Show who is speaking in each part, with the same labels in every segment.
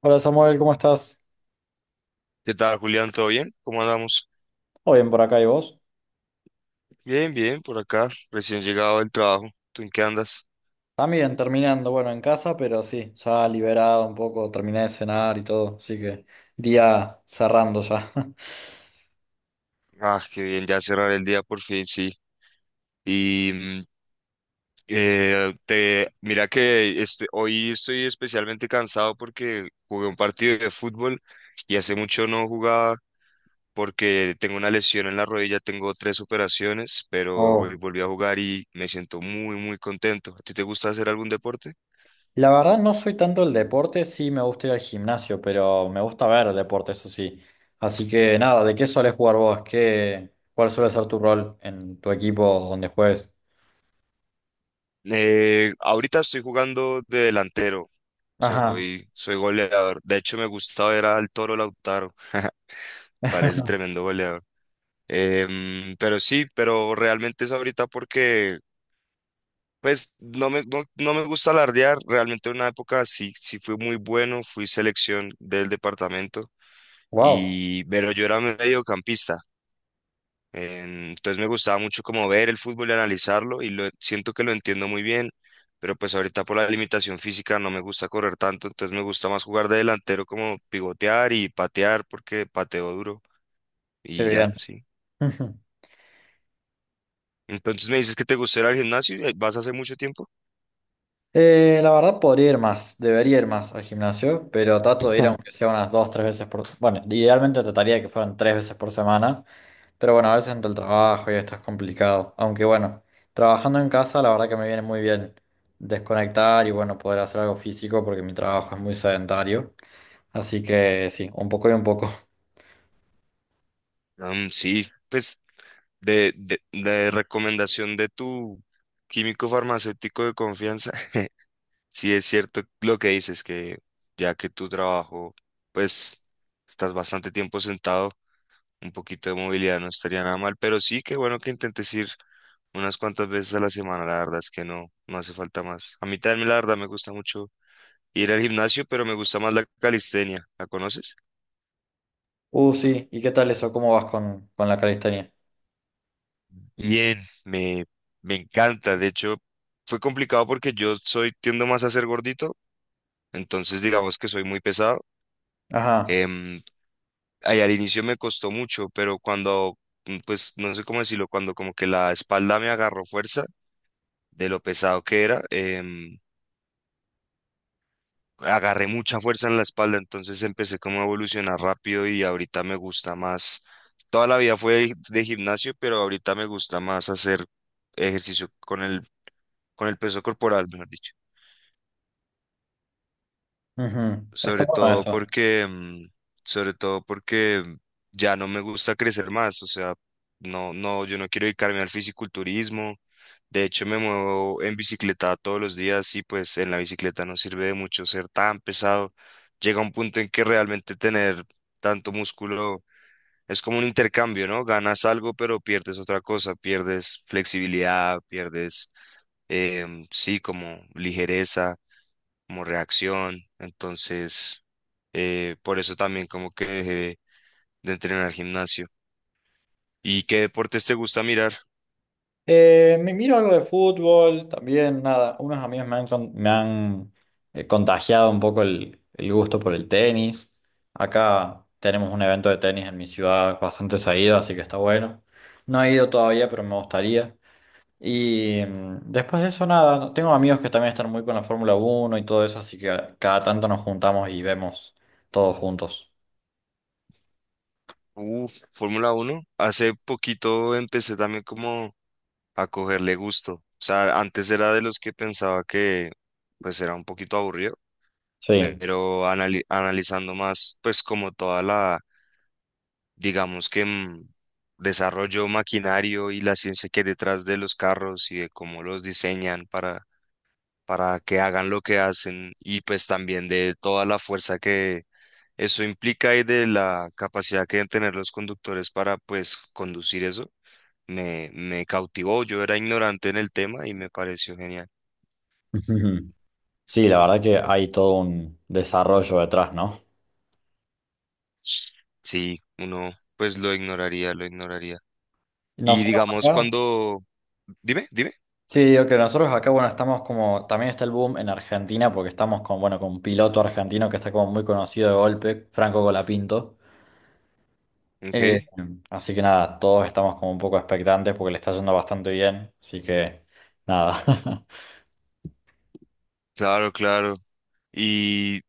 Speaker 1: Hola Samuel, ¿cómo estás?
Speaker 2: ¿Qué tal, Julián? ¿Todo bien? ¿Cómo andamos?
Speaker 1: Todo bien por acá, ¿y vos?
Speaker 2: Bien, bien, por acá, recién llegado del trabajo. ¿Tú en qué andas?
Speaker 1: También terminando, bueno, en casa, pero sí, ya liberado un poco, terminé de cenar y todo, así que día cerrando ya.
Speaker 2: Ah, qué bien, ya cerrar el día por fin, sí. Y mira que hoy estoy especialmente cansado porque jugué un partido de fútbol y hace mucho no jugaba porque tengo una lesión en la rodilla, tengo tres operaciones, pero
Speaker 1: Oh.
Speaker 2: hoy volví a jugar y me siento muy, muy contento. ¿A ti te gusta hacer algún deporte?
Speaker 1: La verdad no soy tanto el deporte, sí me gusta ir al gimnasio, pero me gusta ver el deporte, eso sí. Así que nada, ¿de qué sueles jugar vos? ¿Qué, cuál suele ser tu rol en tu equipo donde juegues?
Speaker 2: Ahorita estoy jugando de delantero.
Speaker 1: Ajá.
Speaker 2: Soy goleador. De hecho, me gusta ver al Toro Lautaro. Parece tremendo goleador. Pero sí, pero realmente es ahorita porque, pues, no me gusta alardear. Realmente en una época sí, sí fui muy bueno. Fui selección del departamento.
Speaker 1: Wow,
Speaker 2: Y, pero yo era mediocampista. Entonces me gustaba mucho como ver el fútbol y analizarlo y lo, siento que lo entiendo muy bien, pero pues ahorita por la limitación física no me gusta correr tanto, entonces me gusta más jugar de delantero como pivotear y patear porque pateo duro
Speaker 1: qué
Speaker 2: y ya,
Speaker 1: bien.
Speaker 2: sí. Entonces me dices que te gusta ir al gimnasio, ¿y vas hace mucho tiempo?
Speaker 1: La verdad podría ir más, debería ir más al gimnasio, pero trato de ir aunque sea unas dos, tres veces por... Bueno, idealmente trataría de que fueran tres veces por semana, pero bueno, a veces entre el trabajo y esto es complicado. Aunque bueno, trabajando en casa la verdad que me viene muy bien desconectar y bueno, poder hacer algo físico porque mi trabajo es muy sedentario. Así que sí, un poco y un poco.
Speaker 2: Sí, pues de recomendación de tu químico farmacéutico de confianza. Sí, es cierto lo que dices, que ya que tu trabajo, pues estás bastante tiempo sentado, un poquito de movilidad no estaría nada mal, pero sí, que bueno que intentes ir unas cuantas veces a la semana, la verdad es que no, no hace falta más. A mí también, la verdad, me gusta mucho ir al gimnasio, pero me gusta más la calistenia, ¿la conoces?
Speaker 1: Sí, ¿y qué tal eso? ¿Cómo vas con la calistenia?
Speaker 2: Bien. Me encanta, de hecho, fue complicado porque yo soy, tiendo más a ser gordito, entonces digamos que soy muy pesado.
Speaker 1: Ajá,
Speaker 2: em, Ahí al inicio me costó mucho, pero pues no sé cómo decirlo, cuando como que la espalda me agarró fuerza de lo pesado que era, agarré mucha fuerza en la espalda, entonces empecé como a evolucionar rápido y ahorita me gusta más. Toda la vida fue de gimnasio, pero ahorita me gusta más hacer ejercicio con con el peso corporal, mejor dicho.
Speaker 1: ujú. Está
Speaker 2: sobre
Speaker 1: bueno
Speaker 2: todo
Speaker 1: eso.
Speaker 2: porque, mm, sobre todo porque ya no me gusta crecer más, o sea, no, yo no quiero dedicarme al fisiculturismo. De hecho, me muevo en bicicleta todos los días y pues en la bicicleta no sirve de mucho ser tan pesado. Llega un punto en que realmente tener tanto músculo es como un intercambio, ¿no? Ganas algo, pero pierdes otra cosa, pierdes flexibilidad, sí, como ligereza como reacción. Entonces, por eso también como que dejé de entrenar gimnasio. ¿Y qué deportes te gusta mirar?
Speaker 1: Me miro algo de fútbol, también, nada, unos amigos me han, me han contagiado un poco el gusto por el tenis. Acá tenemos un evento de tenis en mi ciudad bastante seguido, así que está bueno. No he ido todavía, pero me gustaría. Y después de eso, nada, no, tengo amigos que también están muy con la Fórmula uno y todo eso, así que cada tanto nos juntamos y vemos todos juntos.
Speaker 2: Uf, Fórmula uno. Hace poquito empecé también como a cogerle gusto. O sea, antes era de los que pensaba que pues era un poquito aburrido,
Speaker 1: Sí.
Speaker 2: pero analizando más pues como toda la, digamos que desarrollo maquinario y la ciencia que hay detrás de los carros y de cómo los diseñan para que hagan lo que hacen y pues también de toda la fuerza que eso implica y de la capacidad que deben tener los conductores para pues conducir eso, me cautivó. Yo era ignorante en el tema y me pareció genial.
Speaker 1: Sí, la verdad que hay todo un desarrollo detrás, ¿no?
Speaker 2: Sí, uno pues lo ignoraría, lo ignoraría. Y
Speaker 1: Nosotros,
Speaker 2: digamos
Speaker 1: acá.
Speaker 2: cuando... Dime, dime.
Speaker 1: Sí, ok, nosotros acá, bueno, estamos como, también está el boom en Argentina porque estamos con, bueno, con un piloto argentino que está como muy conocido de golpe, Franco Colapinto.
Speaker 2: Ok,
Speaker 1: Eh, Así que nada, todos estamos como un poco expectantes porque le está yendo bastante bien, así que nada.
Speaker 2: claro, claro. Y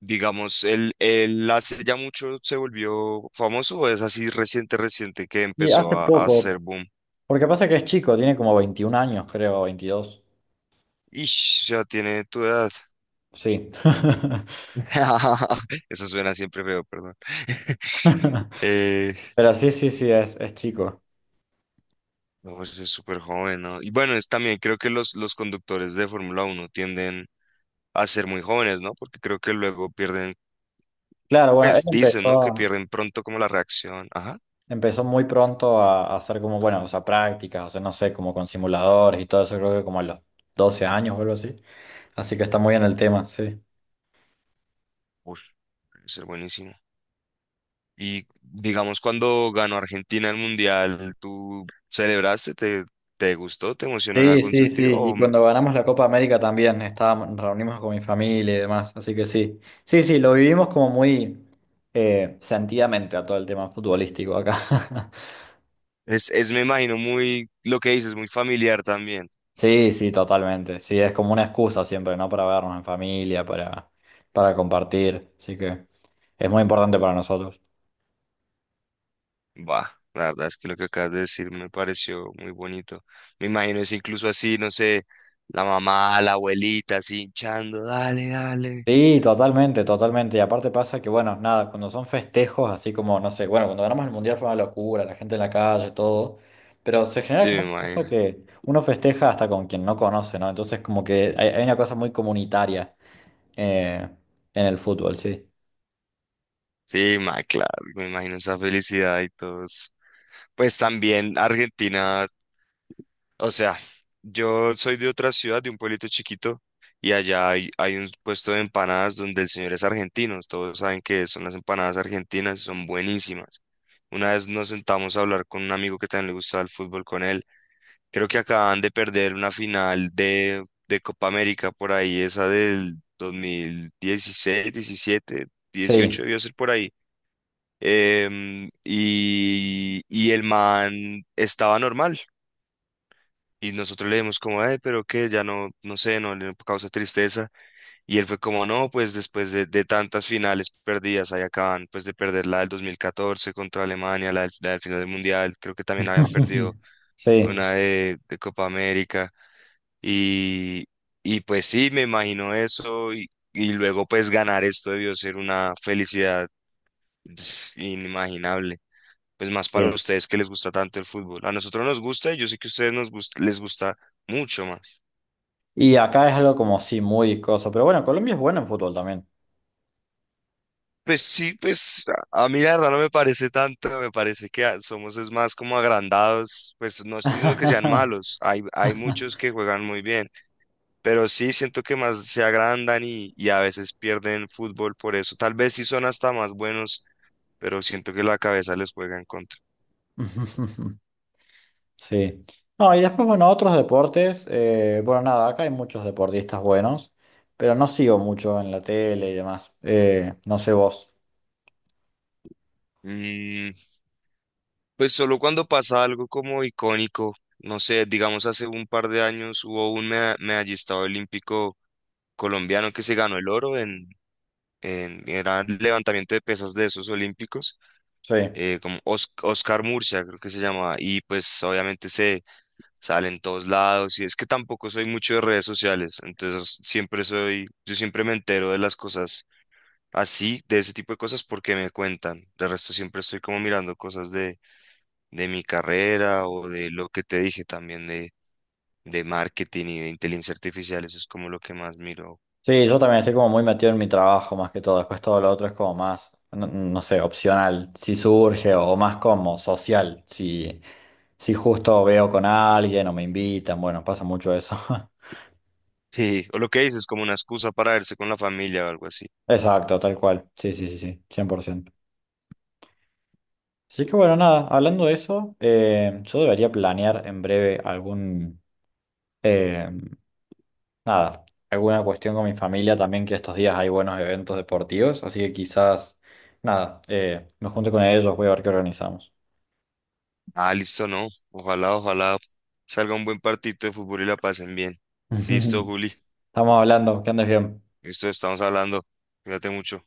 Speaker 2: digamos, él hace ya mucho se volvió famoso o es así reciente, reciente que
Speaker 1: Y
Speaker 2: empezó
Speaker 1: hace
Speaker 2: a hacer
Speaker 1: poco,
Speaker 2: boom?
Speaker 1: porque pasa que es chico, tiene como 21 años, creo, 22.
Speaker 2: Ish, ya tiene tu edad.
Speaker 1: Sí.
Speaker 2: Eso suena siempre feo, perdón. Eh,
Speaker 1: Pero sí, sí, sí, es chico.
Speaker 2: no, pues, es súper joven, ¿no? Y bueno, es, también creo que los conductores de Fórmula Uno tienden a ser muy jóvenes, ¿no? Porque creo que luego pierden,
Speaker 1: Claro, bueno, él
Speaker 2: pues dicen, ¿no? Que
Speaker 1: empezó.
Speaker 2: pierden pronto como la reacción. Ajá.
Speaker 1: Empezó muy pronto a hacer como, bueno, o sea, prácticas, o sea, no sé, como con simuladores y todo eso, creo que como a los 12 años o algo así. Así que está muy en el tema, sí.
Speaker 2: Uf, debe ser buenísimo. Y digamos, cuando ganó Argentina el Mundial, ¿tú celebraste? Te gustó? ¿Te emocionó en
Speaker 1: Sí,
Speaker 2: algún
Speaker 1: sí, sí.
Speaker 2: sentido? ¿O
Speaker 1: Y cuando ganamos la Copa América también, estábamos, nos reunimos con mi familia y demás, así que sí. Sí, sí, lo vivimos como muy sentidamente a todo el tema futbolístico acá.
Speaker 2: es, me imagino, muy, lo que dices, muy familiar también?
Speaker 1: Sí, sí, totalmente. Sí, es como una excusa siempre, ¿no? Para vernos en familia, para compartir. Así que es muy importante para nosotros.
Speaker 2: Va, la verdad es que lo que acabas de decir me pareció muy bonito. Me imagino es incluso así, no sé, la mamá, la abuelita así hinchando, dale, dale.
Speaker 1: Sí, totalmente, totalmente. Y aparte pasa que, bueno, nada, cuando son festejos, así como, no sé, bueno, cuando ganamos el mundial fue una locura, la gente en la calle, todo, pero se genera
Speaker 2: Sí,
Speaker 1: como
Speaker 2: me
Speaker 1: una cosa
Speaker 2: imagino.
Speaker 1: que uno festeja hasta con quien no conoce, ¿no? Entonces, como que hay una cosa muy comunitaria eh, en el fútbol, sí.
Speaker 2: Sí, ma, claro, me imagino esa felicidad y todos. Pues también Argentina, o sea, yo soy de otra ciudad, de un pueblito chiquito, y allá hay un puesto de empanadas donde el señor es argentino. Todos saben que son las empanadas argentinas, son buenísimas. Una vez nos sentamos a hablar con un amigo que también le gustaba el fútbol con él. Creo que acaban de perder una final de Copa América por ahí, esa del 2016, 17,
Speaker 1: Sí.
Speaker 2: 18 debió ser por ahí. El man estaba normal. Y nosotros le dimos como, pero qué, ya no, no sé, no le causa tristeza. Y él fue como, no, pues después de tantas finales perdidas, ahí acaban pues de perder la del 2014 contra Alemania, la del final del Mundial, creo que también habían perdido
Speaker 1: Sí.
Speaker 2: una de Copa América. Y, pues sí, me imagino eso y luego pues ganar esto debió ser una felicidad, ps, inimaginable. Pues más para
Speaker 1: Sí.
Speaker 2: ustedes que les gusta tanto el fútbol. A nosotros nos gusta y yo sé que a ustedes les gusta mucho más.
Speaker 1: Y acá es algo como, sí, muy coso, pero bueno, Colombia es buena en fútbol también.
Speaker 2: Pues sí, pues a mí la verdad no me parece tanto, me parece que somos es más como agrandados, pues no estoy diciendo que sean malos, hay muchos que juegan muy bien, pero sí siento que más se agrandan y a veces pierden fútbol por eso, tal vez sí son hasta más buenos pero siento que la cabeza les juega en contra.
Speaker 1: Sí. No, y después, bueno, otros deportes. Bueno, nada, acá hay muchos deportistas buenos, pero no sigo mucho en la tele y demás. No sé vos.
Speaker 2: Mm, pues solo cuando pasa algo como icónico, no sé, digamos hace un par de años hubo un medallista olímpico colombiano que se ganó el oro en era levantamiento de pesas de esos olímpicos,
Speaker 1: Sí.
Speaker 2: Oscar Murcia creo que se llamaba, y pues obviamente se sale en todos lados, y es que tampoco soy mucho de redes sociales, entonces siempre soy, yo siempre me entero de las cosas así, de ese tipo de cosas, porque me cuentan. De resto, siempre estoy como mirando cosas de mi carrera o de lo que te dije también de marketing y de inteligencia artificial. Eso es como lo que más miro.
Speaker 1: Sí, yo también estoy como muy metido en mi trabajo más que todo. Después todo lo otro es como más, no, no sé, opcional, si surge o más como social. Si, si justo veo con alguien o me invitan, bueno, pasa mucho eso.
Speaker 2: Sí, o lo que dices, como una excusa para verse con la familia o algo así.
Speaker 1: Exacto, tal cual. Sí, sí, sí, sí, 100%. Así que bueno, nada, hablando de eso, yo debería planear en breve algún, eh, nada, alguna cuestión con mi familia también, que estos días hay buenos eventos deportivos, así que quizás, nada, me junte con ellos, voy a ver qué organizamos.
Speaker 2: Ah, listo, no. Ojalá, ojalá salga un buen partido de fútbol y la pasen bien. Listo, Juli.
Speaker 1: Estamos hablando, que andes bien.
Speaker 2: Listo, estamos hablando. Cuídate mucho.